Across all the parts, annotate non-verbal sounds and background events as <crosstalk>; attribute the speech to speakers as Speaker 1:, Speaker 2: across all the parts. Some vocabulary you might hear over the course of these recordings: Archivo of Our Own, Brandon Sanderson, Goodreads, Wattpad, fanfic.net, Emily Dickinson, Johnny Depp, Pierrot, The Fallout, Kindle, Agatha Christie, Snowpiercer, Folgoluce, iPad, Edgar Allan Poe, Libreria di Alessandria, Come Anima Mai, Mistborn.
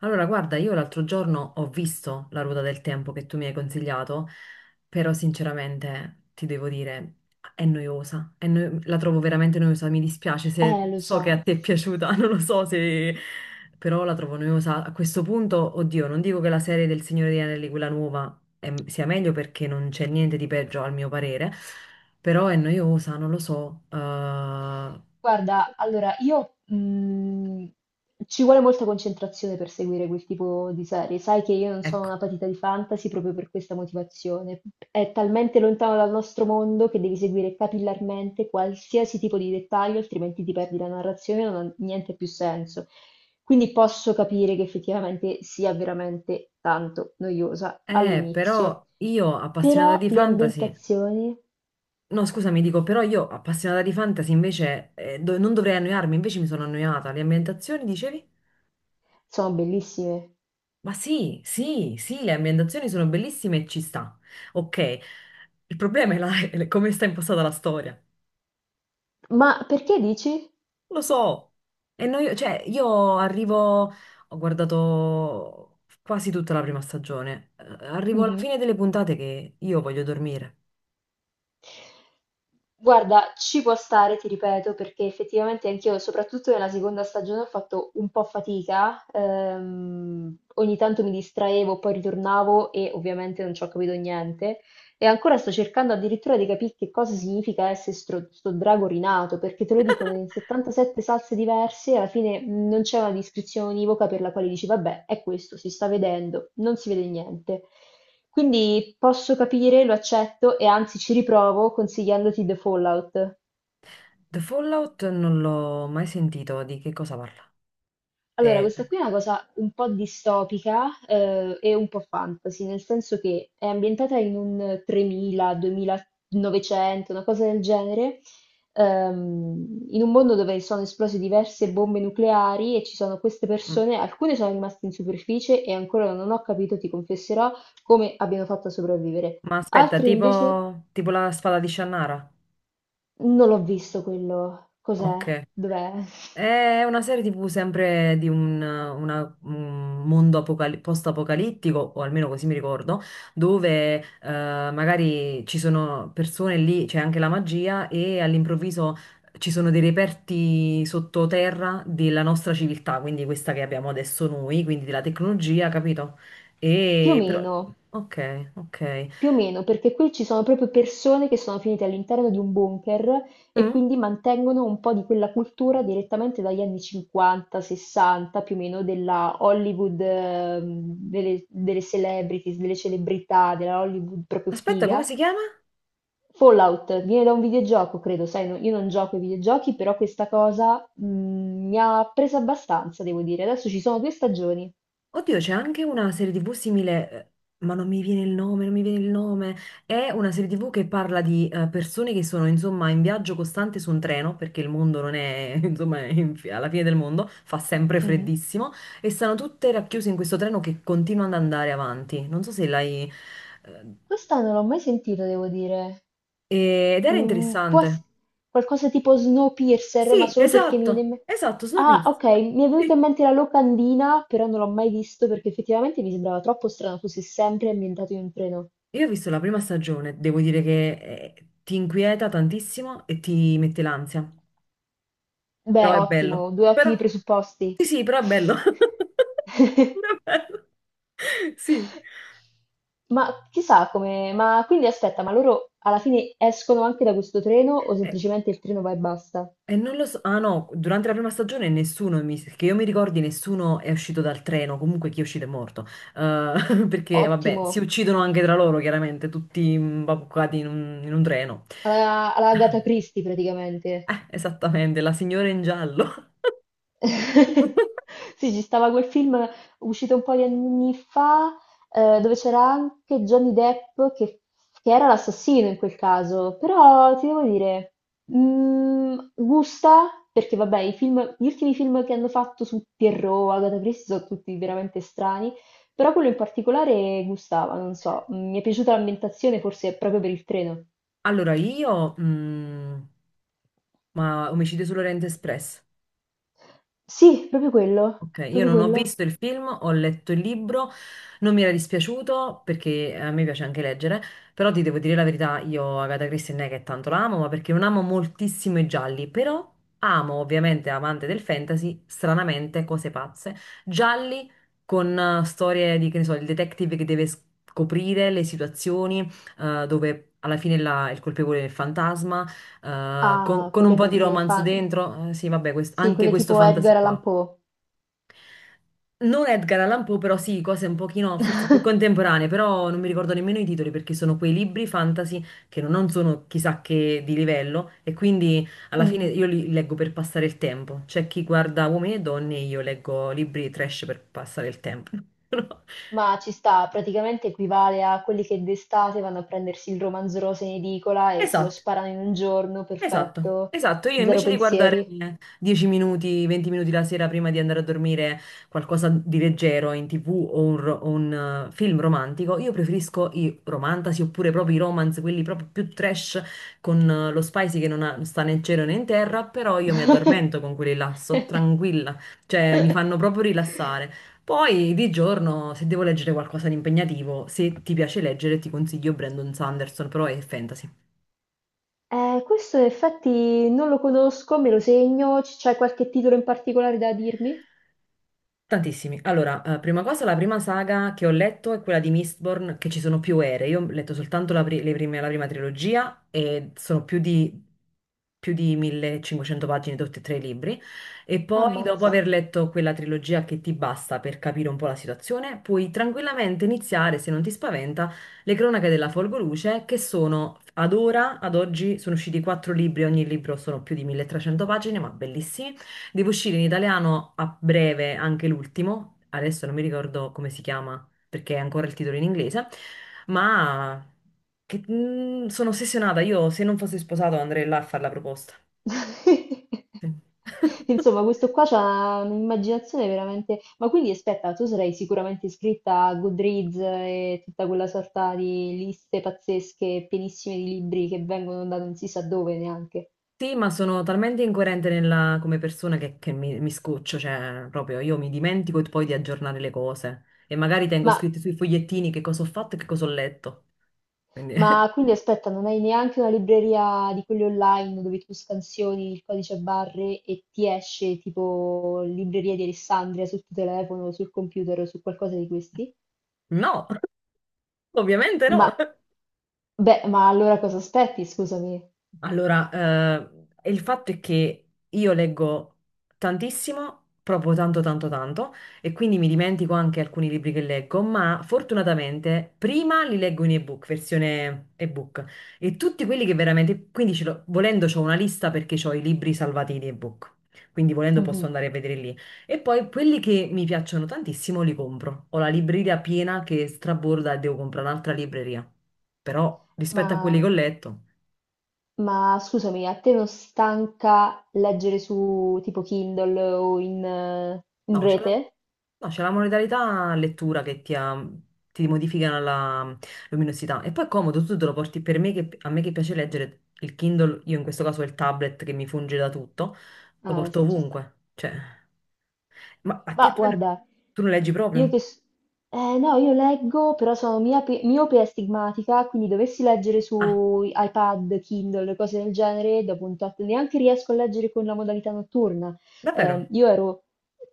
Speaker 1: Allora, guarda, io l'altro giorno ho visto La Ruota del Tempo che tu mi hai consigliato, però sinceramente ti devo dire, è noiosa, la trovo veramente noiosa, mi dispiace, se
Speaker 2: Lo
Speaker 1: so che a
Speaker 2: so.
Speaker 1: te è piaciuta, <laughs> non lo so se... però la trovo noiosa. A questo punto, oddio, non dico che la serie del Signore degli Anelli, quella nuova, sia meglio, perché non c'è niente di peggio al mio parere, però è noiosa, non lo so.
Speaker 2: Guarda, allora io ci vuole molta concentrazione per seguire quel tipo di serie. Sai che io non sono una
Speaker 1: Ecco,
Speaker 2: patita di fantasy proprio per questa motivazione. È talmente lontano dal nostro mondo che devi seguire capillarmente qualsiasi tipo di dettaglio, altrimenti ti perdi la narrazione e non ha niente più senso. Quindi posso capire che effettivamente sia veramente tanto noiosa
Speaker 1: però
Speaker 2: all'inizio.
Speaker 1: io appassionata
Speaker 2: Però
Speaker 1: di
Speaker 2: le
Speaker 1: fantasy.
Speaker 2: ambientazioni
Speaker 1: No, scusami, dico, però io appassionata di fantasy invece non dovrei annoiarmi, invece mi sono annoiata. Le ambientazioni, dicevi?
Speaker 2: sono bellissime.
Speaker 1: Ma sì, sì, sì, le ambientazioni sono bellissime e ci sta. Ok, il problema è, <laughs> è come sta impostata la storia.
Speaker 2: Ma perché dici?
Speaker 1: Lo so. Cioè, io arrivo, ho guardato quasi tutta la prima stagione, eh, arrivo alla
Speaker 2: Mhm.
Speaker 1: fine delle puntate che io voglio dormire.
Speaker 2: Guarda, ci può stare, ti ripeto, perché effettivamente anch'io, soprattutto nella seconda stagione, ho fatto un po' fatica. Ogni tanto mi distraevo, poi ritornavo e ovviamente non ci ho capito niente. E ancora sto cercando addirittura di capire che cosa significa essere sto drago rinato, perché te lo dicono in 77 salse diverse, e alla fine non c'è una descrizione univoca per la quale dici, vabbè, è questo, si sta vedendo, non si vede niente. Quindi posso capire, lo accetto e anzi ci riprovo consigliandoti The Fallout.
Speaker 1: The Fallout non l'ho mai sentito, di che cosa parla?
Speaker 2: Allora,
Speaker 1: Eh,
Speaker 2: questa qui è una cosa un po' distopica, e un po' fantasy, nel senso che è ambientata in un 3000, 2900, una cosa del genere, in un mondo dove sono esplose diverse bombe nucleari e ci sono queste persone, alcune sono rimaste in superficie e ancora non ho capito, ti confesserò, come abbiano fatto a sopravvivere.
Speaker 1: Ma aspetta,
Speaker 2: Altre invece
Speaker 1: tipo la spada di Shannara?
Speaker 2: non l'ho visto quello, cos'è,
Speaker 1: Ok.
Speaker 2: dov'è? <laughs>
Speaker 1: È una serie TV sempre di un mondo post-apocalittico, o almeno così mi ricordo, dove magari ci sono persone lì, c'è anche la magia, e all'improvviso ci sono dei reperti sottoterra della nostra civiltà, quindi questa che abbiamo adesso noi, quindi della tecnologia, capito?
Speaker 2: Più o
Speaker 1: E però...
Speaker 2: meno.
Speaker 1: Ok, ok.
Speaker 2: Più o meno, perché qui ci sono proprio persone che sono finite all'interno di un bunker e
Speaker 1: Mm?
Speaker 2: quindi mantengono un po' di quella cultura direttamente dagli anni 50, 60, più o meno della Hollywood, delle celebrities, delle celebrità, della Hollywood proprio
Speaker 1: Aspetta, come
Speaker 2: figa.
Speaker 1: si chiama?
Speaker 2: Fallout viene da un videogioco, credo, sai, no- io non gioco ai videogiochi, però questa cosa mi ha presa abbastanza, devo dire. Adesso ci sono due stagioni.
Speaker 1: Oddio, c'è anche una serie TV simile, ma non mi viene il nome, non mi viene il nome. È una serie TV che parla di persone che sono, insomma, in viaggio costante su un treno, perché il mondo non è, <laughs> insomma, è alla fine del mondo, fa sempre
Speaker 2: Mhm.
Speaker 1: freddissimo, e stanno tutte racchiuse in questo treno che continua ad andare avanti. Non so se l'hai... eh,
Speaker 2: Questa non l'ho mai sentita, devo dire.
Speaker 1: ed era
Speaker 2: Mm, può
Speaker 1: interessante.
Speaker 2: ess- qualcosa tipo Snowpiercer, ma
Speaker 1: Sì,
Speaker 2: solo perché mi viene
Speaker 1: esatto,
Speaker 2: in me-
Speaker 1: esatto,
Speaker 2: Ah,
Speaker 1: Snowpiercer.
Speaker 2: ok, mi è venuta in
Speaker 1: Sì.
Speaker 2: mente la locandina, però non l'ho mai visto perché effettivamente mi sembrava troppo strano fosse sempre ambientato in un treno.
Speaker 1: Io ho visto la prima stagione, devo dire che eh, ti inquieta tantissimo e ti mette l'ansia. Però
Speaker 2: Beh,
Speaker 1: è bello.
Speaker 2: ottimo, due
Speaker 1: Però,
Speaker 2: ottimi presupposti.
Speaker 1: sì, sì, però è bello. <laughs>
Speaker 2: <laughs>
Speaker 1: Però è bello. Sì.
Speaker 2: Ma chissà come... Ma quindi aspetta, ma loro alla fine escono anche da questo treno o
Speaker 1: E,
Speaker 2: semplicemente il treno va e basta?
Speaker 1: e non lo so. Ah no, durante la prima stagione nessuno, che io mi ricordi, nessuno è uscito dal treno. Comunque chi è uscito è morto. <laughs> Perché, vabbè, si
Speaker 2: Ottimo,
Speaker 1: uccidono anche tra loro, chiaramente, tutti imbabuccati in un treno.
Speaker 2: alla Agatha Christie praticamente.
Speaker 1: Esattamente, la signora in giallo.
Speaker 2: <laughs>
Speaker 1: <laughs>
Speaker 2: Sì, ci stava quel film uscito un po' di anni fa, dove c'era anche Johnny Depp che era l'assassino in quel caso, però ti devo dire, gusta, perché vabbè, gli ultimi film che hanno fatto su Pierrot, Agatha Christie, sono tutti veramente strani, però quello in particolare gustava, non so, mi è piaciuta l'ambientazione forse proprio per il treno.
Speaker 1: Allora, io... mm, ma Omicidio sull'Oriente Express.
Speaker 2: Sì, proprio quello,
Speaker 1: Ok, io
Speaker 2: proprio
Speaker 1: non ho
Speaker 2: quello.
Speaker 1: visto il film, ho letto il libro, non mi era dispiaciuto perché a me piace anche leggere, però ti devo dire la verità, io Agatha Christie non è che tanto la amo, ma perché non amo moltissimo i gialli, però amo ovviamente, amante del fantasy, stranamente, cose pazze, gialli con storie di, che ne so, il detective che deve scoprire le situazioni, dove alla fine il colpevole è il fantasma,
Speaker 2: Ah,
Speaker 1: con un po' di romance dentro. Sì vabbè,
Speaker 2: sì,
Speaker 1: anche
Speaker 2: quelle
Speaker 1: questo
Speaker 2: tipo
Speaker 1: fantasy
Speaker 2: Edgar
Speaker 1: qua.
Speaker 2: Allan Poe.
Speaker 1: Non Edgar Allan Poe, però sì, cose un pochino forse più
Speaker 2: <laughs>
Speaker 1: contemporanee, però non mi ricordo nemmeno i titoli, perché sono quei libri fantasy che non sono chissà che di livello, e quindi alla fine
Speaker 2: Mhm.
Speaker 1: io li leggo per passare il tempo. C'è chi guarda Uomini e Donne, io leggo libri trash per passare il tempo. <laughs>
Speaker 2: Ma ci sta, praticamente equivale a quelli che d'estate vanno a prendersi il romanzo rosa in edicola e se lo
Speaker 1: Esatto.
Speaker 2: sparano in un giorno,
Speaker 1: Esatto,
Speaker 2: perfetto,
Speaker 1: esatto. Io
Speaker 2: zero
Speaker 1: invece di guardare
Speaker 2: pensieri.
Speaker 1: 10 minuti, 20 minuti la sera prima di andare a dormire qualcosa di leggero in TV o un film romantico, io preferisco i romantasi oppure proprio i romance, quelli proprio più trash con lo spicy che non sta né in cielo né in terra, però io mi addormento
Speaker 2: <laughs>
Speaker 1: con quelli là, sto tranquilla, cioè mi fanno proprio rilassare. Poi di giorno, se devo leggere qualcosa di impegnativo, se ti piace leggere, ti consiglio Brandon Sanderson, però è fantasy.
Speaker 2: Questo in effetti non lo conosco, me lo segno, c'è qualche titolo in particolare da dirmi?
Speaker 1: Tantissimi. Allora, prima cosa, la prima saga che ho letto è quella di Mistborn, che ci sono più ere. Io ho letto soltanto la prima trilogia e sono più di 1.500 pagine tutti e tre i libri. E poi, dopo
Speaker 2: Ammazza.
Speaker 1: aver letto quella trilogia che ti basta per capire un po' la situazione, puoi tranquillamente iniziare, se non ti spaventa, Le Cronache della Folgoluce, che sono ad oggi, sono usciti quattro libri, ogni libro sono più di 1.300 pagine, ma bellissimi. Deve uscire in italiano a breve anche l'ultimo, adesso non mi ricordo come si chiama perché è ancora il titolo in inglese, ma mm, sono ossessionata, io se non fossi sposato andrei là a fare la proposta.
Speaker 2: <laughs>
Speaker 1: Sì, <laughs>
Speaker 2: Insomma, questo qua c'ha un'immaginazione veramente... Ma quindi aspetta, tu sarai sicuramente iscritta a Goodreads e tutta quella sorta di liste pazzesche, pienissime di libri che vengono da non si sa dove neanche.
Speaker 1: sì, ma sono talmente incoerente come persona che mi scoccio, cioè proprio io mi dimentico poi di aggiornare le cose e magari tengo
Speaker 2: Ma,
Speaker 1: scritti sui fogliettini che cosa ho fatto e che cosa ho letto. Quindi
Speaker 2: ma quindi
Speaker 1: <laughs>
Speaker 2: aspetta, non hai neanche una libreria di quelli online dove tu scansioni il codice a barre e ti esce tipo Libreria di Alessandria sul tuo telefono, sul computer o su qualcosa di questi?
Speaker 1: no, <laughs> ovviamente
Speaker 2: Ma,
Speaker 1: no.
Speaker 2: beh, allora cosa aspetti, scusami?
Speaker 1: Allora, il fatto è che io leggo tantissimo, proprio tanto, tanto, tanto, e quindi mi dimentico anche alcuni libri che leggo, ma fortunatamente prima li leggo in ebook, versione ebook, e tutti quelli che veramente, quindi volendo ho una lista perché ho i libri salvati in ebook, quindi volendo posso
Speaker 2: Mhm.
Speaker 1: andare a vedere lì. E poi quelli che mi piacciono tantissimo li compro. Ho la libreria piena che straborda e devo comprare un'altra libreria, però rispetto a quelli che
Speaker 2: Ma,
Speaker 1: ho letto...
Speaker 2: ma scusami, a te non stanca leggere su tipo Kindle o in, in
Speaker 1: No, c'è la,
Speaker 2: rete?
Speaker 1: no, c'è la modalità lettura che ti modifica la luminosità. E poi è comodo, tu te lo porti, per me che, a me che piace leggere, il Kindle, io in questo caso ho il tablet che mi funge da tutto, lo
Speaker 2: Ah,
Speaker 1: porto
Speaker 2: sì, ci sta.
Speaker 1: ovunque. Cioè, ma a te
Speaker 2: Ma
Speaker 1: tu,
Speaker 2: guarda,
Speaker 1: tu non leggi
Speaker 2: io
Speaker 1: proprio?
Speaker 2: che... s- eh, no, io leggo, però sono miope, e astigmatica, quindi dovessi leggere
Speaker 1: Ah,
Speaker 2: su iPad, Kindle, cose del genere, dopo un tot neanche riesco a leggere con la modalità notturna. Eh,
Speaker 1: davvero?
Speaker 2: io ero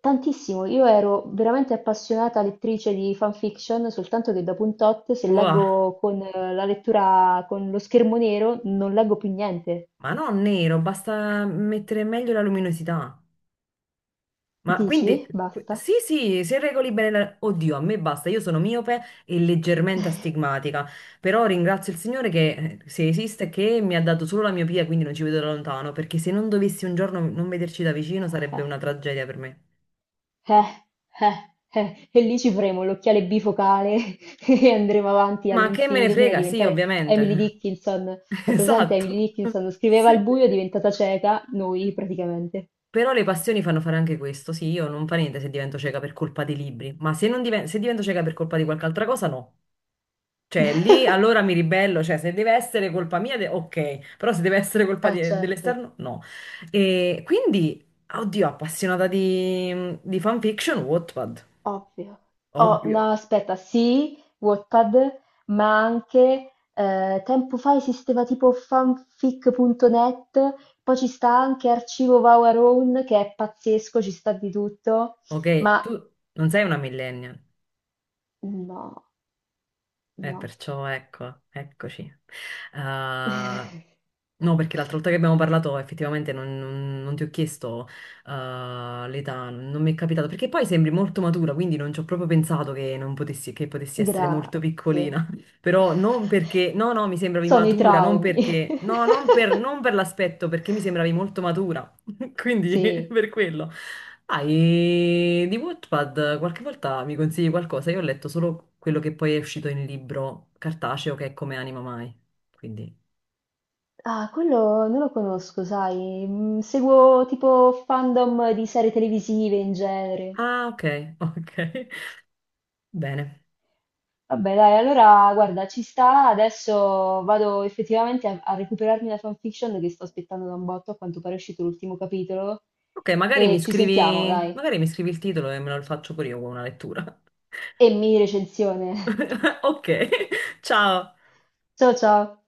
Speaker 2: io ero veramente appassionata lettrice di fanfiction, soltanto che dopo un tot, se
Speaker 1: Wow.
Speaker 2: leggo con la lettura con lo schermo nero, non leggo più niente.
Speaker 1: Ma no, nero, basta mettere meglio la luminosità. Ma quindi,
Speaker 2: Dici? Basta.
Speaker 1: sì, sì, se regoli bene, oddio, a me basta, io sono miope e leggermente astigmatica, però ringrazio il Signore, che, se esiste, che mi ha dato solo la miopia, quindi non ci vedo da lontano, perché se non dovessi un giorno non vederci da vicino sarebbe una
Speaker 2: <laughs>
Speaker 1: tragedia per me.
Speaker 2: Eh, eh, e lì ci faremo l'occhiale bifocale <laughs> e andremo avanti
Speaker 1: Ma che me ne
Speaker 2: all'infinito fino a
Speaker 1: frega, sì,
Speaker 2: diventare Emily
Speaker 1: ovviamente.
Speaker 2: Dickinson.
Speaker 1: <laughs>
Speaker 2: La presente Emily
Speaker 1: Esatto. <laughs>
Speaker 2: Dickinson scriveva al
Speaker 1: Sì.
Speaker 2: buio, è diventata cieca, noi praticamente.
Speaker 1: Però le passioni fanno fare anche questo, sì, io non fa niente se divento cieca per colpa dei libri, ma se divento cieca per colpa di qualche altra cosa, no. Cioè, lì
Speaker 2: <laughs>
Speaker 1: allora mi ribello, cioè se deve essere colpa mia, ok, però se deve essere colpa
Speaker 2: Certo,
Speaker 1: dell'esterno, no. E quindi, oddio, appassionata di fanfiction, Wattpad,
Speaker 2: ovvio. Oh,
Speaker 1: ovvio.
Speaker 2: no, aspetta, sì, Wattpad, ma anche tempo fa esisteva tipo fanfic.net, poi ci sta anche Archivo of Our Own, che è pazzesco, ci sta di tutto,
Speaker 1: Ok,
Speaker 2: ma
Speaker 1: tu non sei una millennial.
Speaker 2: no. No.
Speaker 1: Perciò ecco, eccoci. Ah,
Speaker 2: <laughs>
Speaker 1: no, perché l'altra volta che abbiamo parlato effettivamente non ti ho chiesto ah, l'età, non mi è capitato, perché poi sembri molto matura, quindi non ci ho proprio pensato che non potessi, che potessi essere molto
Speaker 2: Grazie.
Speaker 1: piccolina. <laughs> Però non perché, no, no, mi sembravi
Speaker 2: Sono i
Speaker 1: matura, non
Speaker 2: traumi.
Speaker 1: perché, no,
Speaker 2: <laughs>
Speaker 1: non per l'aspetto, perché mi sembravi molto matura. Quindi <laughs>
Speaker 2: Sì.
Speaker 1: per quello. Ah, e di Wattpad qualche volta mi consigli qualcosa? Io ho letto solo quello che poi è uscito in libro cartaceo che è Come Anima Mai. Quindi.
Speaker 2: Ah, quello non lo conosco, sai. Seguo tipo fandom di serie televisive in genere.
Speaker 1: Ah, ok, ok. <laughs> Bene.
Speaker 2: Vabbè, dai, allora guarda, ci sta. Adesso vado effettivamente a recuperarmi la fanfiction che sto aspettando da un botto. A quanto pare è uscito l'ultimo capitolo.
Speaker 1: Ok,
Speaker 2: E ci sentiamo, dai.
Speaker 1: magari mi scrivi il titolo e me lo faccio pure io con una lettura.
Speaker 2: E mini recensione.
Speaker 1: <laughs> Ok, <laughs> ciao.
Speaker 2: <laughs> Ciao ciao.